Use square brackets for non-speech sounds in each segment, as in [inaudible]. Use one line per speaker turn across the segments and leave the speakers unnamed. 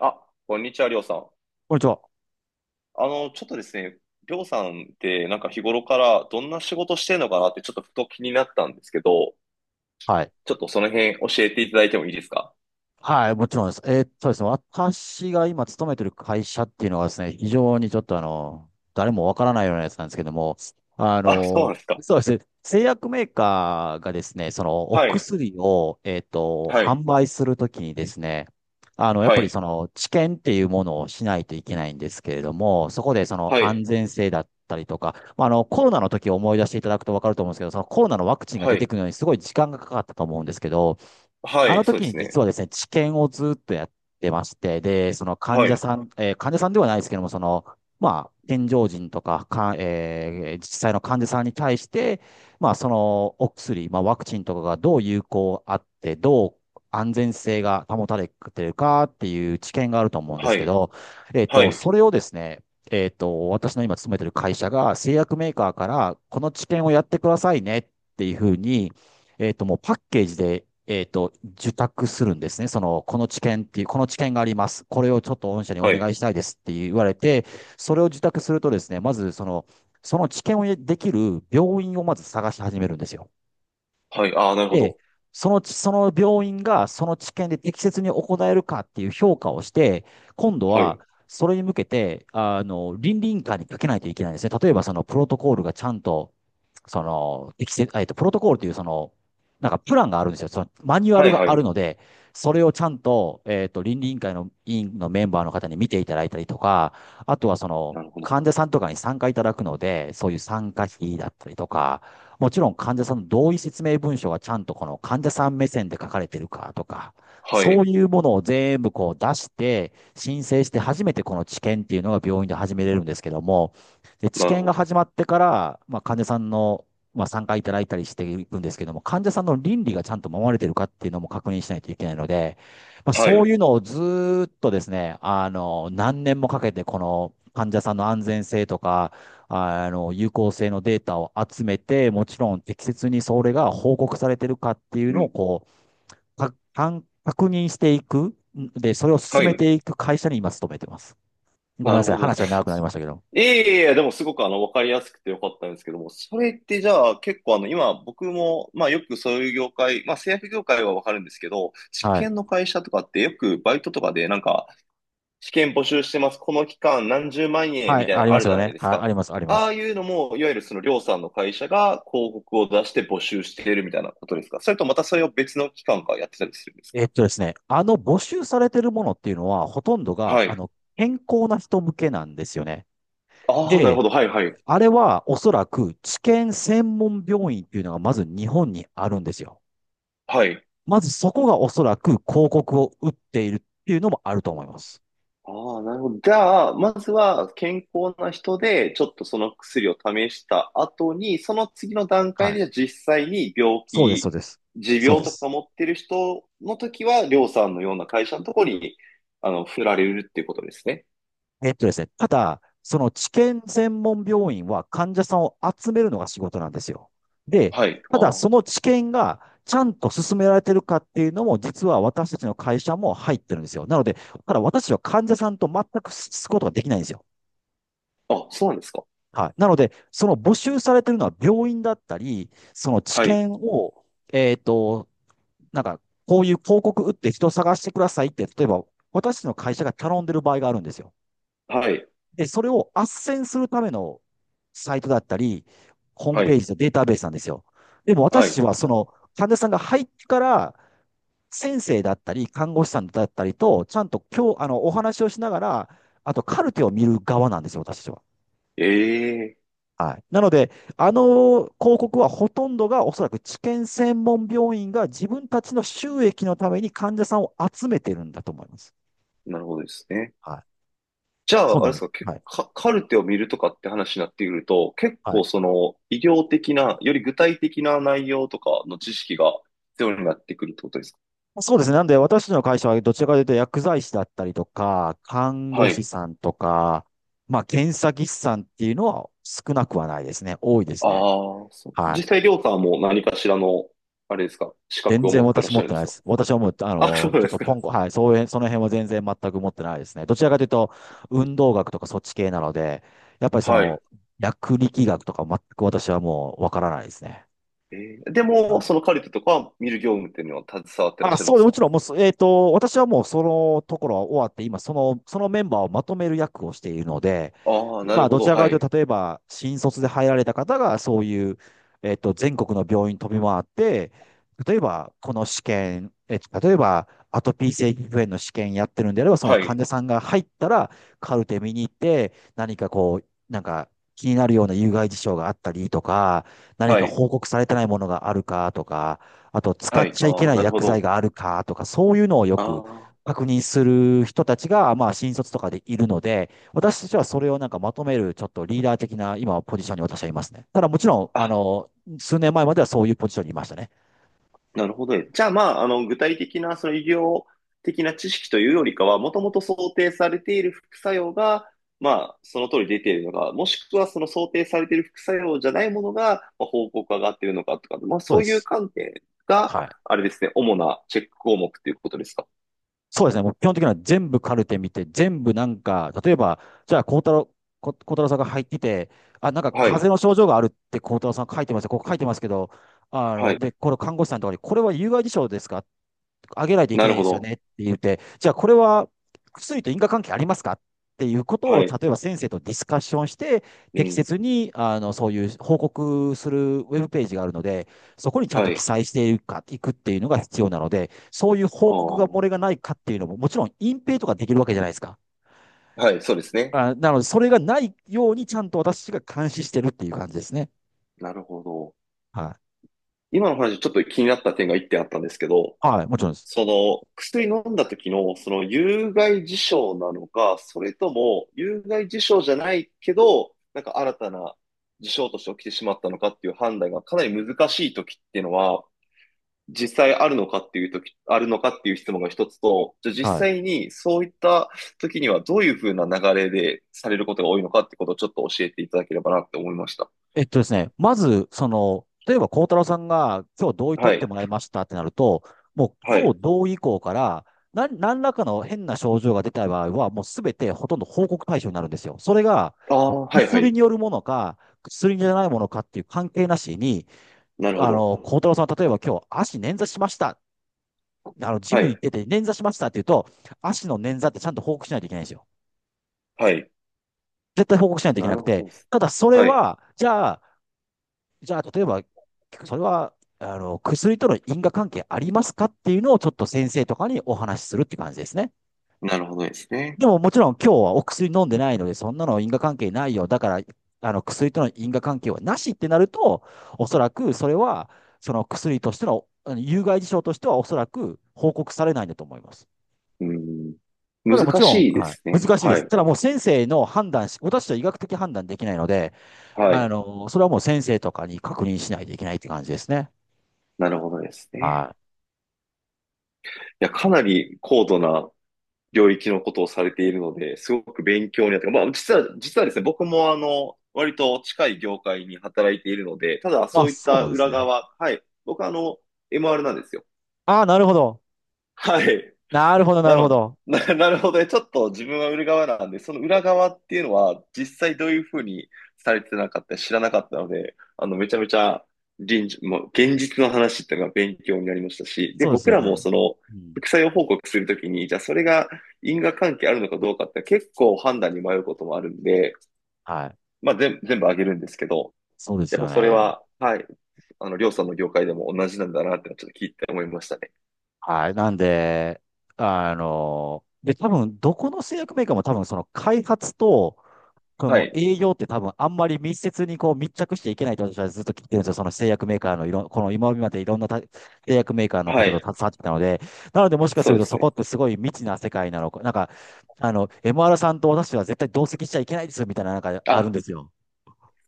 あ、こんにちは、りょうさん。
こんにちは。
ちょっとですね、りょうさんってなんか日頃からどんな仕事してんのかなってちょっとふと気になったんですけど、
はい。
ちょっとその辺教えていただいてもいいですか？
はい、もちろんです。ですね、私が今勤めてる会社っていうのはですね、非常にちょっと誰もわからないようなやつなんですけども、あ
あ、そうな
の、
んですか。
そうですね、製薬メーカーがですね、そのお
はい、
薬を、
はい、
販売するときにですね、やっ
は
ぱり
い、
その治験っていうものをしないといけないんですけれども、そこでその
は
安
い、
全性だったりとか、まあ、コロナの時を思い出していただくとわかると思うんですけど、そのコロナのワクチンが
は
出て
い、
くるのにすごい時間がかかったと思うんですけど、
は
あの
い、そう
時
で
に
す
実
ね。
はですね、治験をずっとやってまして、で、
はい、
患者さんではないですけども、その、まあ、健常人とか、実際の患者さんに対して、まあ、そのお薬、まあ、ワクチンとかがどう有効あって、どう安全性が保たれてるかっていう知見があると思うんで
は
すけ
い、
ど、
はい、
それをですね、私の今勤めてる会社が製薬メーカーから、この知見をやってくださいねっていうふうに、もうパッケージで、受託するんですね。その、この知見があります。これをちょっと御社にお
は
願
い、
いしたいですって言われて、それを受託するとですね、まずその、その知見をできる病院をまず探し始めるんですよ。
はい、ああ、なるほ
で、
ど。
その病院がその知見で適切に行えるかっていう評価をして、今度
はい、
は、それに向けて、倫理委員会にかけないといけないんですね。例えば、そのプロトコールがちゃんとその、適切、えっと、プロトコールという、なんかプランがあるんですよ。そのマニュア
は
ル
い、
が
は
ある
い、
ので、それをちゃんと、倫理委員会の委員のメンバーの方に見ていただいたりとか、あとはその、
なるほど。
患者さんとかに参加いただくので、そういう参加費だったりとか、もちろん患者さんの同意説明文書がちゃんとこの患者さん目線で書かれてるかとか、
は
そう
い、
いうものを全部こう出して、申請して初めてこの治験っていうのが病院で始めれるんですけども、で、治
なる
験
ほ
が
ど。
始まってから、まあ、患者さんの、まあ、参加いただいたりしていくんですけども、患者さんの倫理がちゃんと守られてるかっていうのも確認しないといけないので、まあ、
は
そう
い、
いうのをずーっとですね、何年もかけて、この患者さんの安全性とか、有効性のデータを集めて、もちろん適切にそれが報告されてるかっていう
う
のを、
ん、
こう、か、かん確認していく。で、それを進
は
め
い、
ていく会社に今勤めてます。ごめん
な
な
る
さい。
ほど
話
で
は長くな
す。
りましたけど。
いえいえいえ、でもすごくわかりやすくてよかったんですけども、それってじゃあ結構今僕も、まあよくそういう業界、まあ製薬業界はわかるんですけど、試
はい。
験の会社とかってよくバイトとかで試験募集してます、この期間何十万円
は
み
い、
たいな
あ
の
り
あ
ま
る
す
じ
よ
ゃない
ね。
です
はい、あ
か。
ります、ありま
ああ
す。
いうのも、いわゆるそのりょうさんの会社が広告を出して募集しているみたいなことですか？それとまたそれを別の機関がやってたりするんですか？
ですね、募集されてるものっていうのは、ほとんどが、
はい。
健康な人向けなんですよね。
ああ、なる
で、
ほど。はいはい。
あれはおそらく治験専門病院っていうのがまず日本にあるんですよ。
はい。
まずそこがおそらく広告を打っているっていうのもあると思います。
ああ、なるほど。じゃあ、まずは健康な人で、ちょっとその薬を試した後に、その次の段
は
階で、
い。
じゃあ実際に病
そうです、そ
気、
うです。
持
そう
病
で
とか
す。
持ってる人の時は、りょうさんのような会社のところに、振られるっていうことですね。
ですね、ただ、その治験専門病院は患者さんを集めるのが仕事なんですよ。で、
はい。
ただそ
あ
の治験がちゃんと進められてるかっていうのも、実は私たちの会社も入ってるんですよ。なので、ただ私は患者さんと全く接すことができないんですよ。
あ。あ、そうなんですか。
はい。なので、その募集されてるのは病院だったり、その治
はい。
験を、えっと、なんか、こういう広告打って人を探してくださいって、例えば、私たちの会社が頼んでる場合があるんですよ。
はい。
で、それを斡旋するためのサイトだったり、ホーム
は
ペー
い。
ジとデータベースなんですよ。でも
は
私
い。
はその患者さんが入ってから、先生だったり、看護師さんだったりと、ちゃんと今日、お話をしながら、あとカルテを見る側なんですよ、私は。
ええ、
はい。なので、あの広告はほとんどがおそらく治験専門病院が自分たちの収益のために患者さんを集めてるんだと思います。
なるほどですね。
はい。
じゃ
そ
あ、
う
あれ
な
で
んで
す
す。
か、
はい。
カルテを見るとかって話になってくると、結
はい。
構その医療的な、より具体的な内容とかの知識が必要になってくるってことですか？
そうですね。なんで、私たちの会社はどちらかというと薬剤師だったりとか、看護
は
師
い。
さんとか、まあ、検査技師さんっていうのは少なくはないですね。多いです
あ
ね。
あ、そう。
はい。
実際、りょうさんはもう何かしらの、あれですか、資
全
格を
然
持ってら
私
っし
持
ゃ
っ
る
て
んで
ない
す
で
か？
す。私はもう、あ
あ、そう
の、ちょっ
です
とポ
か。
ンコ、はい、そういう、その辺は全然全く持ってないですね。どちらかというと、運動学とかそっち系なので、やっぱりそ
はい。
の、薬力学とか全く私はもうわからないですね。
えで
は
も、そ
い。
のカルテとか見る業務っていうのは携わってらっ
あ、
しゃるん
そ
で
う、
す
も
か？
ちろん、もうそ、えっと、私はもうそのところは終わって、今、そのメンバーをまとめる役をしているので、
ああー、なる
今、
ほ
どち
ど。
らか
は
という
い。
と、例えば、新卒で入られた方が、そういう、全国の病院飛び回って、例えば、この試験、例えば、アトピー性皮膚炎の試験やってるんであれば、その
は
患
い。
者さんが入ったら、カルテ見に行って、何かなんか、気になるような有害事象があったりとか、何
は
か
い。
報告されてないものがあるかとか、あと使
は
っ
い。
ちゃいけ
ああ、
ない
なるほ
薬剤
ど。
があるかとか、そういうのをよ
あ
く
あ。
確認する人たちが、まあ、新卒とかでいるので、私たちはそれをなんかまとめる、ちょっとリーダー的な今、ポジションに私はいますね。ただもちろん、
あ、
数年前まではそういうポジションにいましたね。
なるほどね。じゃあ、まあ、具体的な、その医療的な知識というよりかは、もともと想定されている副作用が、まあ、その通り出ているのか、もしくはその想定されている副作用じゃないものが、まあ、報告上がっているのかとか、まあ、
そう
そ
で
ういう
す。
観点が、
はい。
あれですね、主なチェック項目ということですか。
そうですね。もう基本的には全部カルテ見て、全部なんか、例えば、じゃあ、孝太郎さんが入ってて、あ、なんか
はい、
風邪の症状があるって孝太郎さん書いてますよ。ここ書いてますけど、
はい、
で、これ看護師さんとかに、これは有害事象ですかっ上げないといけ
な
な
る
いで
ほ
すよ
ど。
ねって言って、じゃあこれは薬と因果関係ありますかっていうことを、
はい、
例えば先生とディスカッションして、
う
適
ん、
切にそういう報告するウェブページがあるので、そこにちゃん
は
と記
い、
載していくっていうのが必要なので、そういう報
あ
告が
あ、
漏れがないかっていうのも、もちろん隠蔽とかできるわけじゃないですか。
はい、そうですね。
あ、なので、それがないようにちゃんと私が監視してるっていう感じですね。
なるほど。
はい。
今の話、ちょっと気になった点が一点あったんですけど、
はい、もちろんです。
その薬飲んだ時のその有害事象なのか、それとも有害事象じゃないけど、なんか新たな事象として起きてしまったのかっていう判断がかなり難しい時っていうのは、実際あるのかっていう時、あるのかっていう質問が一つと、じゃあ実
はい。
際にそういった時にはどういうふうな流れでされることが多いのかってことをちょっと教えていただければなって思いました。
えっとですね、まず、例えば孝太郎さんが今日同意取
は
って
い。
もらいましたってなると、もう
は
今
い。
日同意以降から、何らかの変な症状が出た場合は、もうすべてほとんど報告対象になるんですよ。それが
ああ、はいは
薬
い。
によるものか、薬じゃないものかっていう関係なしに、
なるほど。
孝太郎さんは例えば今日足捻挫しました。ジ
は
ムに行っ
い。
てて捻挫しましたって言うと、足の捻挫ってちゃんと報告しないといけないんですよ。
はい。
絶対報告しないといけ
な
な
る
く
ほど
て、
です。
ただそれは、じゃあ、例えば、それは、薬との因果関係ありますかっていうのをちょっと先生とかにお話しするって感じですね。
なるほどですね。
でももちろん今日はお薬飲んでないので、そんなの因果関係ないよ。だから、薬との因果関係はなしってなると、おそらくそれは、その薬としての、有害事象としてはおそらく報告されないんだと思います。
うん。
ただも
難
ちろん、
しいで
は
す
い、
ね。
難しいで
は
す。
い。
ただもう先生の判断し、私は医学的判断できないので、
はい。
それはもう先生とかに確認しないといけないって感じですね。
なるほどです
は
ね。
い。
いや、かなり高度な領域のことをされているので、すごく勉強になって、まあ、実はですね、僕も割と近い業界に働いているので、ただそ
あ、
ういっ
そう
た
なんです
裏
ね。
側、はい。僕はMR なんですよ。
ああ、なるほど。
はい。
なるほど、な
な
るほ
の、
ど。
[laughs] なるほどね。ちょっと自分は売る側なんで、その裏側っていうのは、実際どういうふうにされてなかった知らなかったので、めちゃめちゃ臨時、もう現実の話っていうのが勉強になりましたし、で、
そうです
僕
よ
らも
ね。
その、
うん。
副作用報告するときに、じゃあそれが因果関係あるのかどうかって結構判断に迷うこともあるんで、
はい。
まあ全部あげるんですけど、
そうで
や
す
っぱ
よ
それ
ね。
は、はい、りょうさんの業界でも同じなんだなってのはちょっと聞いて思いましたね。
はい。なんで、多分、どこの製薬メーカーも多分、その開発と、こ
は
の
い、
営業って多分、あんまり密接にこう密着していけないと私はずっと聞いてるんですよ。その製薬メーカーのいろん、この今までいろんなた製薬メーカーの
は
方と
い、
携わってきたので、なので、もしかす
そう
る
で
と
す
そこ
ね。
ってすごい未知な世界なのか、MR さんと私は絶対同席しちゃいけないですよ、みたいな、なんかあるん
あ、
ですよ。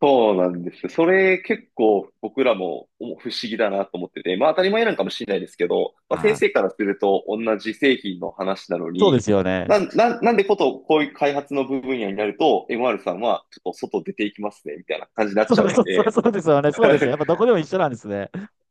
そうなんですよ。それ結構僕らもお不思議だなと思ってて、まあ当たり前なんかもしれないですけど、まあ
は
先
い。
生からすると同じ製品の話なの
そうで
に、
すよね。
なんでこういう開発の部分野になると MR さんはちょっと外出ていきますねみたいな感じになっ
そ
ち
う
ゃ
で
う
す、
ん
そう
で、
そうですよね。そうですよね。
[laughs]
やっぱどこでも一緒なんですね。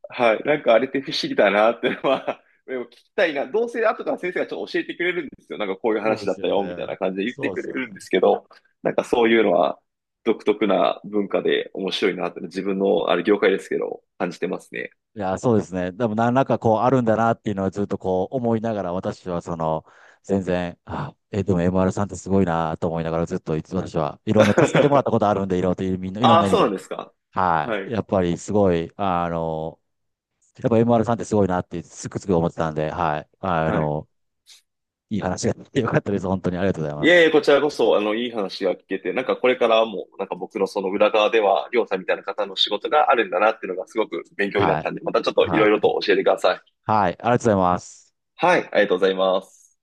はい。なんかあれって不思議だなってのは、[laughs] でも聞きたいな。どうせ後から先生がちょっと教えてくれるんですよ。なんかこういう
そうで
話だ
す
った
よ
よ、みた
ね。
いな感じで言って
そうで
く
す
れ
よ
る
ね。
んですけど、なんかそういうのは独特な文化で面白いなって自分のあれ業界ですけど、感じてますね。
いや、そうですね。でも何らかこうあるんだなっていうのはずっとこう思いながら、私はその、全然、でも MR さんってすごいなと思いながらずっといつ私はいろんな助けてもらったこと
[laughs]
あるんで、いろんな、みんないろん
ああ、
な意味
そうなん
で。
ですか。
は
は
い。
い。
やっぱりすごい、やっぱ MR さんってすごいなってつくつく思ってたんで、はい。
はい。
いい話ができてよかったです。本当にありがとうございま
いえいえ、
す。
こちらこそ、いい話が聞けて、なんかこれからも、なんか僕のその裏側では、りょうさんみたいな方の仕事があるんだなっていうのがすごく勉強になっ
はい。
たんで、またちょっといろ
は
いろ
い。
と教えてください。
はい、ありがとうございます。
はい、ありがとうございます。